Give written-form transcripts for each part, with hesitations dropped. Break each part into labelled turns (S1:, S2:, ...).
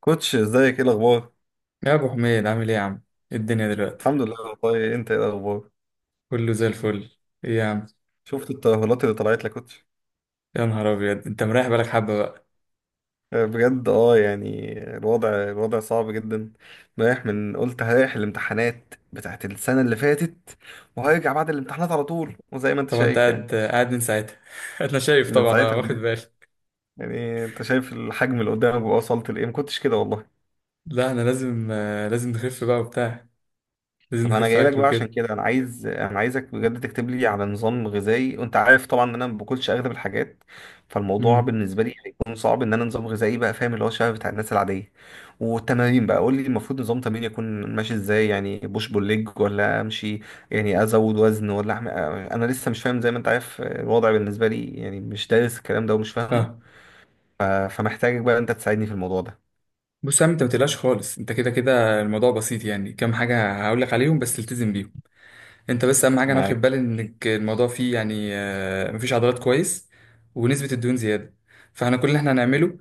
S1: كوتش ازيك؟ ايه الاخبار؟
S2: يا ابو حميد، عامل ايه يا عم؟ إيه الدنيا دلوقتي؟
S1: الحمد لله والله، انت ايه الاخبار؟
S2: كله زي الفل. ايه يا عم؟
S1: شفت الترهلات اللي طلعت لك كوتش؟
S2: يا نهار ابيض، انت مريح بالك حبه بقى.
S1: بجد اه. الوضع صعب جدا. رايح من قلت هريح الامتحانات بتاعت السنه اللي فاتت، وهرجع بعد الامتحانات على طول، وزي ما انت
S2: طبعا انت
S1: شايف يعني.
S2: قاعد قاعد من ساعتها انا شايف،
S1: من
S2: طبعا انا
S1: ساعتها
S2: واخد
S1: بجد.
S2: بالي.
S1: يعني انت شايف الحجم اللي قدامك ووصلت لايه، ما كنتش كده والله.
S2: لا انا لازم، لازم نخف بقى وبتاع. لازم
S1: طب انا
S2: نخف
S1: جاي لك
S2: اكل
S1: بقى عشان
S2: وكده.
S1: كده، انا عايزك بجد تكتب لي على نظام غذائي، وانت عارف طبعا ان انا ما باكلش اغلب الحاجات. فالموضوع
S2: امم.
S1: بالنسبه لي هيكون صعب ان انا نظام غذائي بقى، فاهم، اللي هو شبه بتاع الناس العاديه. والتمارين بقى قول لي المفروض نظام تمرين يكون ماشي ازاي؟ يعني بوش بول ليج ولا امشي؟ يعني ازود وزن ولا انا لسه مش فاهم، زي ما انت عارف الوضع بالنسبه لي يعني، مش دارس الكلام ده ومش فاهمه.
S2: اه،
S1: ف- فمحتاجك بقى انت تساعدني في الموضوع ده.
S2: بص يا عم، انت ما تقلقش خالص. انت كده كده الموضوع بسيط يعني. كام حاجه هقول لك عليهم، بس التزم بيهم. انت بس اهم حاجه انا واخد
S1: معاك.
S2: بالي انك الموضوع فيه يعني، مفيش عضلات كويس ونسبه الدهون زياده. فاحنا كل اللي احنا هنعمله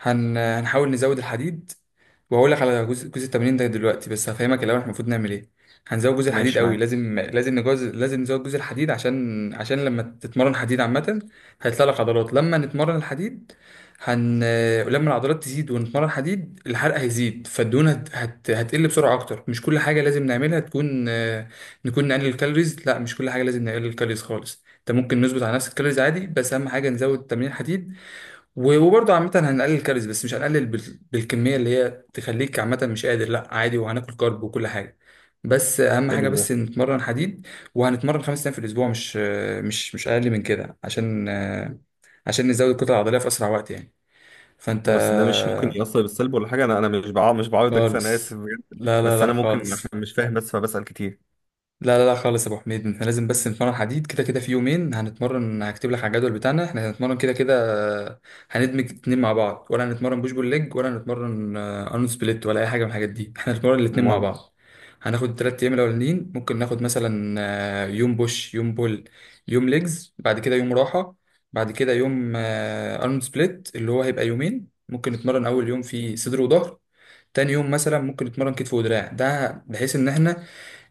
S2: هنحاول نزود الحديد. وهقول لك على جزء جزء التمرين ده دلوقتي، بس هفهمك الاول احنا المفروض نعمل ايه. هنزود جزء الحديد
S1: ماشي
S2: قوي،
S1: معاك.
S2: لازم نجوز، لازم نزود جزء الحديد عشان لما تتمرن حديد عامه هيطلع لك عضلات. لما نتمرن الحديد هن، لما العضلات تزيد ونتمرن حديد الحرق هيزيد، فالدهون هتقل بسرعه اكتر. مش كل حاجه لازم نعملها تكون، نكون نقلل الكالوريز. لا مش كل حاجه لازم نقلل الكالوريز خالص. انت ممكن نظبط على نفس الكالوريز عادي، بس اهم حاجه نزود تمرين حديد. وبرضه عامه هنقلل الكالوريز، بس مش هنقلل بالكميه اللي هي تخليك عامه مش قادر. لا عادي، وهناكل كارب وكل حاجه. بس اهم حاجه
S1: حلو ده.
S2: بس نتمرن حديد. وهنتمرن خمس ايام في الاسبوع، مش اقل من كده عشان نزود الكتله العضليه في اسرع وقت يعني. فانت.
S1: بس ده مش ممكن يأثر بالسلب ولا حاجة؟ أنا مش مش بعارضك، أنا آسف
S2: خالص،
S1: بجد.
S2: لا لا
S1: بس
S2: لا
S1: أنا ممكن عشان
S2: خالص.
S1: مش فاهم بس فبسأل كتير.
S2: لا لا لا خالص يا ابو حميد، احنا لازم بس نتمرن حديد كده كده، في يومين هنتمرن. هكتب لك على الجدول بتاعنا، احنا هنتمرن كده كده. آه، هندمج اتنين مع بعض، ولا هنتمرن بوش بول ليج، ولا هنتمرن ارنولد سبليت، ولا اي حاجه من الحاجات دي؟ احنا هنتمرن الاتنين مع
S1: أمال.
S2: بعض. هناخد التلات ايام الاولانيين، ممكن ناخد مثلا يوم بوش، يوم بول، يوم ليجز، بعد كده يوم راحه، بعد كده يوم ارنولد سبليت اللي هو هيبقى يومين. ممكن نتمرن اول يوم في صدر وظهر، تاني يوم مثلا ممكن نتمرن كتف ودراع، ده بحيث ان احنا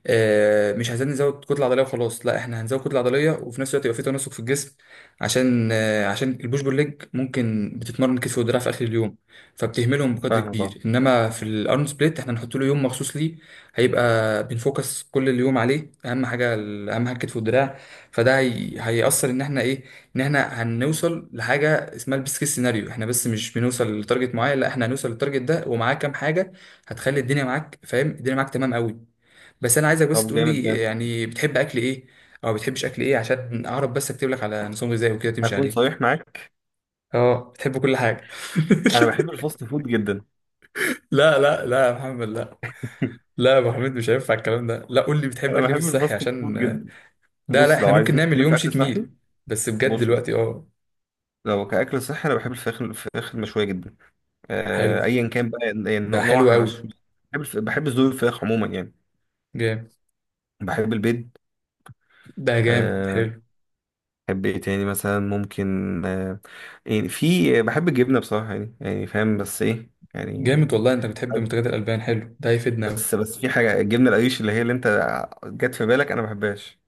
S2: مش عايزين نزود كتله عضليه وخلاص. لا احنا هنزود كتله عضليه، وفي نفس الوقت يبقى في تناسق في الجسم، عشان عشان البوش بول ليج ممكن بتتمرن كتف ودراع في اخر اليوم، فبتهملهم بقدر
S1: فاهمك أه.
S2: كبير. انما في الارنولد سبليت احنا هنحط له يوم مخصوص ليه، هيبقى بنفوكس كل اليوم عليه، اهم حاجه اهم حاجه الكتف والدراع. فده هيأثر ان احنا ايه، ان احنا هنوصل لحاجه اسمها البيست كيس سيناريو. احنا بس مش بنوصل لتارجت معين، لا احنا هنوصل للتارجت ده ومعاه كام حاجه هتخلي الدنيا معاك. فاهم؟ الدنيا معاك تمام قوي. بس انا عايزك بس
S1: طب
S2: تقول
S1: جامد
S2: لي
S1: ده.
S2: يعني بتحب اكل ايه او بتحبش اكل ايه، عشان اعرف بس اكتب لك على نظام غذائي وكده تمشي
S1: أكون
S2: عليه.
S1: صريح معاك،
S2: اه بتحب كل حاجه؟
S1: أنا بحب الفاست فود جدا.
S2: لا لا لا يا محمد، لا. لا يا ابو حميد مش هينفع الكلام ده. لا، قول لي بتحب اكل
S1: أنا
S2: ايه في
S1: بحب
S2: الصحي
S1: الفاست
S2: عشان
S1: فود جدا.
S2: ده. لا
S1: بص، لو
S2: احنا ممكن
S1: عايزين
S2: نعمل
S1: نتكلم في
S2: يوم
S1: أكل
S2: شيت
S1: صحي،
S2: ميل، بس بجد
S1: بص بص.
S2: دلوقتي اه.
S1: لو كأكل صحي، أنا بحب الفراخ المشوية جدا،
S2: حلو،
S1: أيا كان بقى، يعني
S2: ده حلو
S1: نوعها مش،
S2: قوي.
S1: بحب صدور الفراخ عموما يعني.
S2: جامد.
S1: بحب البيض.
S2: ده جامد
S1: آه.
S2: حلو.
S1: بحب ايه تاني مثلا؟ ممكن آه، يعني في، بحب الجبنة بصراحة يعني، يعني فاهم بس ايه يعني.
S2: جامد والله، انت بتحب منتجات الالبان، حلو ده هيفيدنا.
S1: بس في حاجة، الجبنة القريش اللي هي اللي انت جت في بالك، انا ما بحبهاش.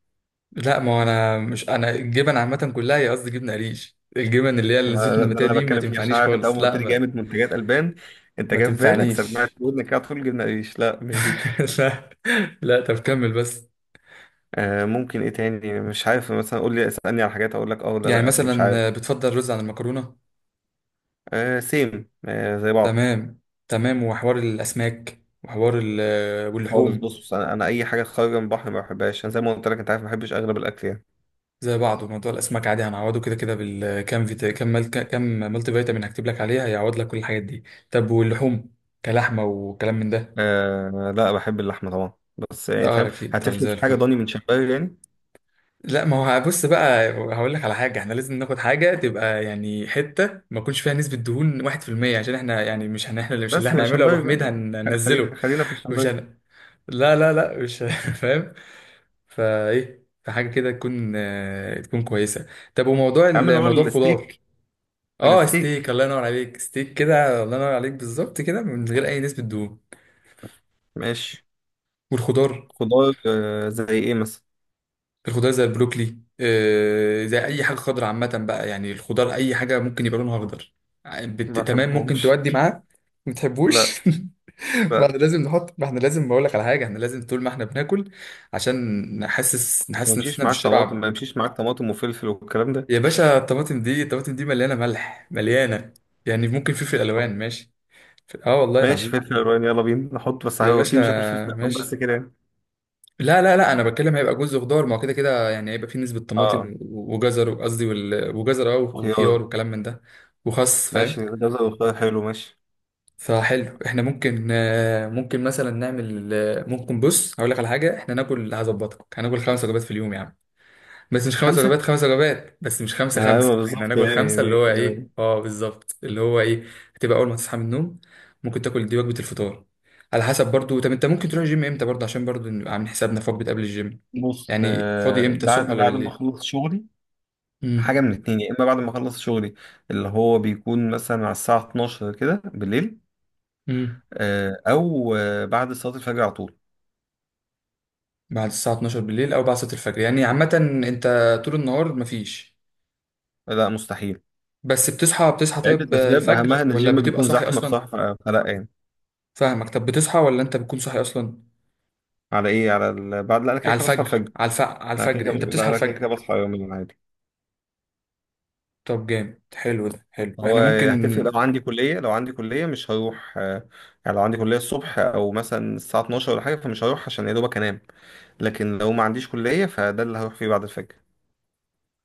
S2: لا، ما هو انا مش، انا الجبن عامه كلها، هي قصدي جبنه قريش الجبن اللي هي
S1: ده
S2: الزيت
S1: ده
S2: النباتيه
S1: اللي انا
S2: دي، ما
S1: بتكلم فيه، عشان
S2: تنفعنيش
S1: عارف انت اول
S2: خالص.
S1: ما قلت
S2: لا
S1: لي
S2: ما,
S1: جامد منتجات البان، انت
S2: ما
S1: جاب بالك سمعت
S2: تنفعنيش.
S1: في ودنك على طول جبنة قريش. لا مش دي.
S2: لا، لا طب كمل بس.
S1: آه. ممكن ايه تاني؟ مش عارف، مثلا قول لي اسألني على حاجات اقول لك اه ولا
S2: يعني
S1: لا، عشان مش عارف.
S2: مثلا بتفضل رز عن المكرونه؟
S1: آه سيم، آه زي بعض.
S2: تمام. تمام، وحوار الاسماك وحوار
S1: خالص. بص
S2: واللحوم؟
S1: بص، انا اي حاجه خارجه من البحر ما بحبهاش انا، زي ما قلت لك، انت عارف ما بحبش اغلب الاكل يعني.
S2: زي بعضه، موضوع الاسماك عادي هنعوضه كده كده بالكام فيتا، كام ملتي فيتامين هكتب لك عليها هيعوض لك كل الحاجات دي. طب واللحوم، كلحمه وكلام من ده؟
S1: آه لا، بحب اللحمة طبعا، بس يعني
S2: اه
S1: فاهم،
S2: اكيد، طب
S1: هتفرق
S2: زي
S1: في حاجة
S2: الفل.
S1: ضاني من شمبري يعني.
S2: لا ما هو بص بقى، هقول لك على حاجة، احنا لازم ناخد حاجة تبقى يعني حتة ما يكونش فيها نسبة دهون 1%، عشان احنا يعني مش هن احنا اللي مش اللي
S1: بس يبقى
S2: هنعمله يا ابو
S1: شمبري بقى
S2: حميد
S1: يعني،
S2: هننزله.
S1: خلينا في
S2: مش
S1: الشمبري.
S2: هن... لا لا لا، مش فاهم. فحاجة كده تكون، تكون كويسة. طب وموضوع
S1: اعمل هو
S2: موضوع الخضار؟
S1: الستيك.
S2: اه ستيك،
S1: الستيك.
S2: الله ينور عليك. ستيك كده، الله ينور عليك بالظبط، كده من غير اي نسبة دهون.
S1: ماشي.
S2: والخضار؟
S1: خضار، آه زي ايه مثلا؟
S2: الخضار زي البروكلي، زي اي حاجه خضراء عامه بقى يعني. الخضار اي حاجه ممكن يبقى لونها اخضر
S1: ما
S2: تمام، ممكن
S1: بحبهمش.
S2: تودي معاه. ما
S1: لا
S2: بتحبوش؟ ما
S1: لا.
S2: احنا لازم نحط، ما احنا لازم، بقول لك على حاجه، احنا لازم طول ما احنا بناكل عشان
S1: ما
S2: نحس
S1: يمشيش
S2: نفسنا
S1: معاك طماطم؟
S2: بالشبع.
S1: ما يمشيش معاك طماطم وفلفل والكلام ده؟
S2: يا باشا، الطماطم دي الطماطم دي مليانه ملح، مليانه. يعني ممكن فلفل
S1: آه.
S2: الوان، ماشي. اه والله
S1: ماشي
S2: العظيم.
S1: فلفل الوان، يلا بينا نحط، بس
S2: يا
S1: هو
S2: باشا،
S1: اكيد مش هاكل فلفل الوان
S2: ماشي.
S1: بس كده يعني.
S2: لا لا لا، انا بتكلم هيبقى جزء خضار، ما هو كده كده يعني هيبقى فيه نسبة
S1: اه.
S2: طماطم وجزر، قصدي وجزر اه، وخيار
S1: خيار.
S2: وكلام من ده. وخس، فاهم.
S1: ماشي، جزر وخيار، حلو ماشي.
S2: فحلو، احنا ممكن ممكن مثلا نعمل، ممكن بص، هقول لك على حاجة، احنا ناكل، هظبطك هناكل خمس وجبات في اليوم يا عم. بس مش خمس
S1: خمسة؟
S2: وجبات، خمس وجبات، بس مش خمسة
S1: ايوه
S2: خمسة، احنا
S1: بالظبط
S2: هناكل
S1: يعني،
S2: خمسة، اللي هو
S1: يعني.
S2: ايه اه، بالظبط اللي هو ايه. هتبقى اول ما تصحى من النوم، ممكن تاكل دي وجبة الفطار. على حسب برضو، طب انت ممكن تروح الجيم امتى برضو عشان برضو نبقى عاملين حسابنا في وجبة قبل الجيم؟
S1: بص،
S2: يعني فاضي
S1: آه،
S2: امتى، الصبح
S1: بعد
S2: ولا
S1: بعد ما
S2: بالليل؟
S1: اخلص شغلي. حاجه
S2: امم.
S1: من اتنين، يا اما بعد ما اخلص شغلي، اللي هو بيكون مثلا على الساعه 12 كده بالليل،
S2: امم.
S1: او بعد صلاه الفجر على طول.
S2: بعد الساعة 12 بالليل او بعد صلاة الفجر يعني عامة. انت طول النهار مفيش؟
S1: لا مستحيل.
S2: بس بتصحى، بتصحى
S1: عده
S2: طيب
S1: اسباب اهمها
S2: الفجر
S1: ان
S2: ولا
S1: الجيم
S2: بتبقى
S1: بيكون
S2: صاحي
S1: زحمه
S2: اصلا؟
S1: بصراحه، فلا يعني.
S2: فاهمك. طب بتصحى ولا انت بتكون صاحي اصلا؟
S1: على ايه على ال... بعد لا انا كده
S2: على
S1: كده بصحى
S2: الفجر،
S1: الفجر.
S2: على
S1: انا كده
S2: الفجر؟
S1: كده،
S2: انت
S1: لا
S2: بتصحى
S1: انا كده كده
S2: الفجر؟
S1: بصحى يوميا عادي.
S2: طب جامد، حلو ده، حلو،
S1: هو
S2: احنا
S1: هتفرق،
S2: ممكن.
S1: لو عندي كليه، لو عندي كليه مش هروح، آه، يعني لو عندي كليه الصبح او مثلا الساعه 12 ولا حاجه، فمش هروح، عشان يا دوبك انام. لكن لو ما عنديش كلية فده اللي هروح فيه بعد الفجر.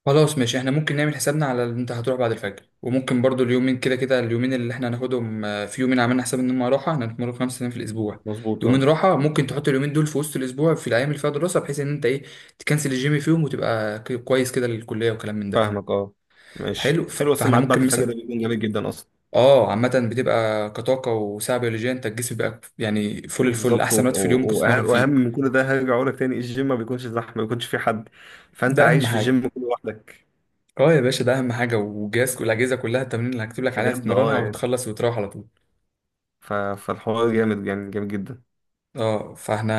S2: خلاص ماشي، احنا ممكن نعمل حسابنا على اللي انت هتروح بعد الفجر. وممكن برضو اليومين كده كده، اليومين اللي احنا هناخدهم، في يومين عملنا حساب ان هم راحة. احنا هنتمرن خمس ايام في الاسبوع،
S1: مظبوط
S2: يومين
S1: اه.
S2: راحة، ممكن تحط اليومين دول في وسط الاسبوع في الايام اللي فيها دراسة، بحيث ان انت ايه، تكنسل الجيم فيهم وتبقى كويس كده للكلية وكلام من ده.
S1: فاهمك اه. ماشي
S2: حلو،
S1: حلو،
S2: فاحنا
S1: السماعات بعد
S2: ممكن
S1: الفجر
S2: مثلا.
S1: ده بيكون جميل جدا اصلا.
S2: اه عامة بتبقى كطاقة وساعة بيولوجية انت، الجسم بيبقى يعني فل الفل،
S1: بالظبط،
S2: احسن وقت في اليوم ممكن تتمرن
S1: واهم
S2: فيه.
S1: من كل ده، هرجع اقول لك تاني، الجيم ما بيكونش زحمه، ما بيكونش فيه حد، فانت
S2: ده اهم
S1: عايش في
S2: حاجة.
S1: الجيم كله لوحدك.
S2: اه يا باشا، ده اهم حاجه. والجهاز والاجهزه كلها، التمرين اللي هكتب لك عليها
S1: بجد اه
S2: تتمرنها
S1: يعني.
S2: وتخلص وتروح على طول.
S1: فالحوار جامد جدا.
S2: اه فاحنا،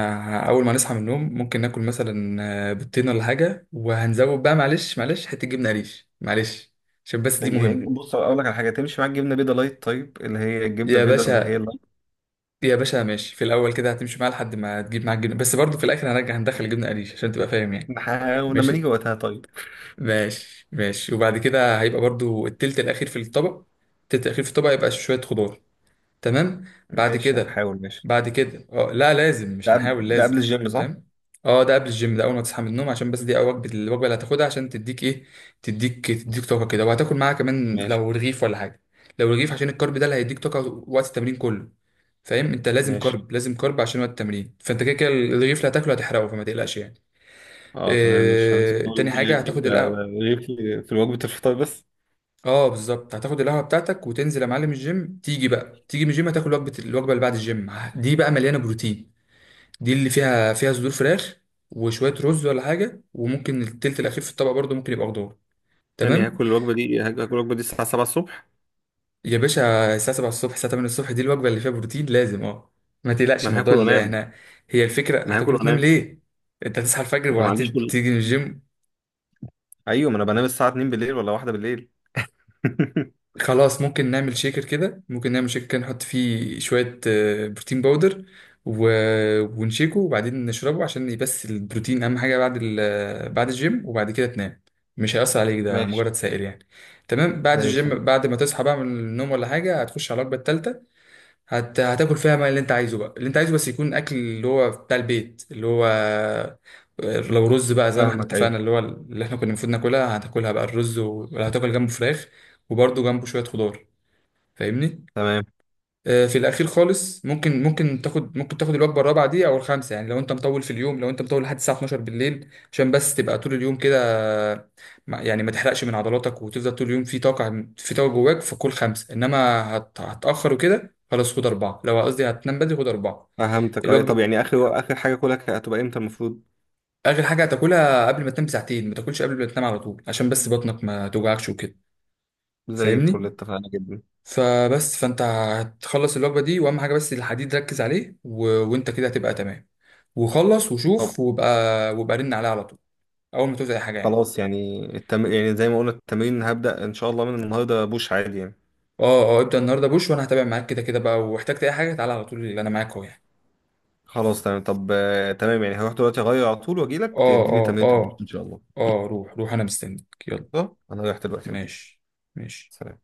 S2: اول ما نصحى من النوم ممكن ناكل مثلا بيضتين ولا حاجه. وهنزود بقى، معلش معلش، حته جبنه قريش معلش، عشان بس دي مهمه.
S1: بص اقول لك على حاجه، تمشي معاك جبنه بيضه لايت طيب، اللي هي الجبنه
S2: يا
S1: البيضه اللي هي
S2: باشا.
S1: اللايت.
S2: يا باشا ماشي، في الاول كده هتمشي معاه لحد ما تجيب معاك جبنه، بس برضه في الاخر هنرجع هندخل جبنه قريش عشان تبقى فاهم يعني.
S1: نحاول لما نيجي
S2: ماشي.
S1: وقتها طيب.
S2: ماشي ماشي، وبعد كده هيبقى برضه التلت الاخير في الطبق. التلت الاخير في الطبق يبقى شويه خضار، تمام. بعد
S1: ماشي،
S2: كده،
S1: هنحاول ماشي.
S2: بعد كده اه، لا لازم،
S1: ده،
S2: مش
S1: قبل
S2: هنحاول،
S1: ده قبل
S2: لازم.
S1: الجيم صح؟
S2: فاهم؟ اه ده قبل الجيم، ده اول ما تصحى من النوم، عشان بس دي أول وجبه، الوجبه اللي هتاخدها عشان تديك ايه، تديك طاقه كده. وهتاكل معاها كمان
S1: ماشي
S2: لو رغيف ولا حاجه، لو رغيف عشان الكارب ده اللي هيديك طاقه وقت التمرين كله. فاهم؟ انت لازم
S1: ماشي.
S2: كارب، لازم كارب عشان وقت التمرين. فانت كده كده الرغيف اللي هتاكله هتحرقه، فما تقلقش يعني.
S1: اه تمام، مش هنسى
S2: اه... تاني
S1: خالص، دي
S2: حاجه
S1: هجيب،
S2: هتاخد
S1: ده ده
S2: القهوه.
S1: غير في وجبة الفطار بس.
S2: اه بالظبط، هتاخد القهوه بتاعتك وتنزل يا معلم الجيم. تيجي بقى، تيجي من الجيم هتاكل وجبه، الوجبه اللي بعد الجيم دي بقى مليانه بروتين. دي اللي فيها، فيها صدور فراخ وشويه رز ولا حاجه، وممكن التلت الاخير في الطبق برضو ممكن يبقى خضار،
S1: هاني،
S2: تمام.
S1: هاكل الوجبة دي الساعة 7 الصبح.
S2: يا باشا، الساعه 7 الصبح، الساعه 8 الصبح، دي الوجبه اللي فيها بروتين لازم اه. ما تقلقش
S1: ما انا
S2: الموضوع
S1: هاكل
S2: اللي
S1: وانام.
S2: احنا، هي الفكره
S1: ما انا
S2: هتاكل
S1: هاكل
S2: وتنام
S1: وانام.
S2: ليه؟ انت هتصحى الفجر
S1: ما انا ما عنديش كل.
S2: وهتيجي من الجيم.
S1: ايوه ما انا بنام الساعة 2 بالليل ولا واحدة بالليل.
S2: خلاص ممكن نعمل شيكر كده، ممكن نعمل شيكر كده نحط فيه شوية بروتين باودر و... ونشيكه وبعدين نشربه، عشان بس البروتين أهم حاجة بعد بعد الجيم. وبعد كده تنام، مش هيأثر عليك ده مجرد
S1: ماشي.
S2: سائل يعني. تمام بعد
S1: زي الفل.
S2: الجيم، بعد ما تصحى بقى من النوم ولا حاجة، هتخش على الوجبة التالتة. هتاكل فيها ما اللي انت عايزه بقى، اللي انت عايزه بس يكون اكل اللي هو بتاع البيت، اللي هو لو رز بقى زي ما احنا
S1: فاهمك ايوه.
S2: اتفقنا اللي هو اللي احنا كنا المفروض ناكلها هتاكلها بقى الرز، ولا هتاكل جنبه فراخ، وبرده جنبه شوية خضار. فاهمني؟
S1: تمام.
S2: في الاخير خالص ممكن، ممكن تاخد، ممكن تاخد الوجبه الرابعه دي او الخامسه يعني لو انت مطول في اليوم، لو انت مطول لحد الساعه 12 بالليل، عشان بس تبقى طول اليوم كده، آه، يعني ما تحرقش من عضلاتك وتفضل طول اليوم في طاقه، في طاقه جواك. فكل خمسه، انما هتاخر وكده خلاص خد اربعه، لو قصدي هتنام بدري خد اربعه.
S1: فهمتك ايوه. طب
S2: الوجبه،
S1: يعني، اخر حاجة كلها هتبقى امتى المفروض؟
S2: اخر حاجه هتاكلها قبل ما تنام بساعتين، ما تاكلش قبل ما تنام على طول عشان بس بطنك ما توجعكش وكده.
S1: زي الفل،
S2: فاهمني؟
S1: اتفقنا جدا.
S2: فبس، فانت هتخلص الوجبه دي، واهم حاجه بس الحديد ركز عليه، وانت كده هتبقى تمام. وخلص
S1: طب.
S2: وشوف وبقى، وبقى رن عليها على طول اول ما توزع اي حاجه يعني.
S1: خلاص يعني يعني زي ما قلنا التمرين هبدأ ان شاء الله من النهارده، بوش عادي يعني.
S2: اه اه، ابدا النهارده بوش، وانا هتابع معاك كده كده بقى. واحتجت اي حاجه تعالى على طول، اللي انا معاك اهو يعني.
S1: خلاص تمام. طب تمام، يعني هروح دلوقتي اغير على طول واجي لك
S2: اه
S1: تديني
S2: اه
S1: تمرين البطن
S2: اه.
S1: ان شاء الله.
S2: اه روح، روح، انا مستنيك يلا.
S1: صح؟ انا رايح دلوقتي أهو.
S2: ماشي. ماشي.
S1: سلام.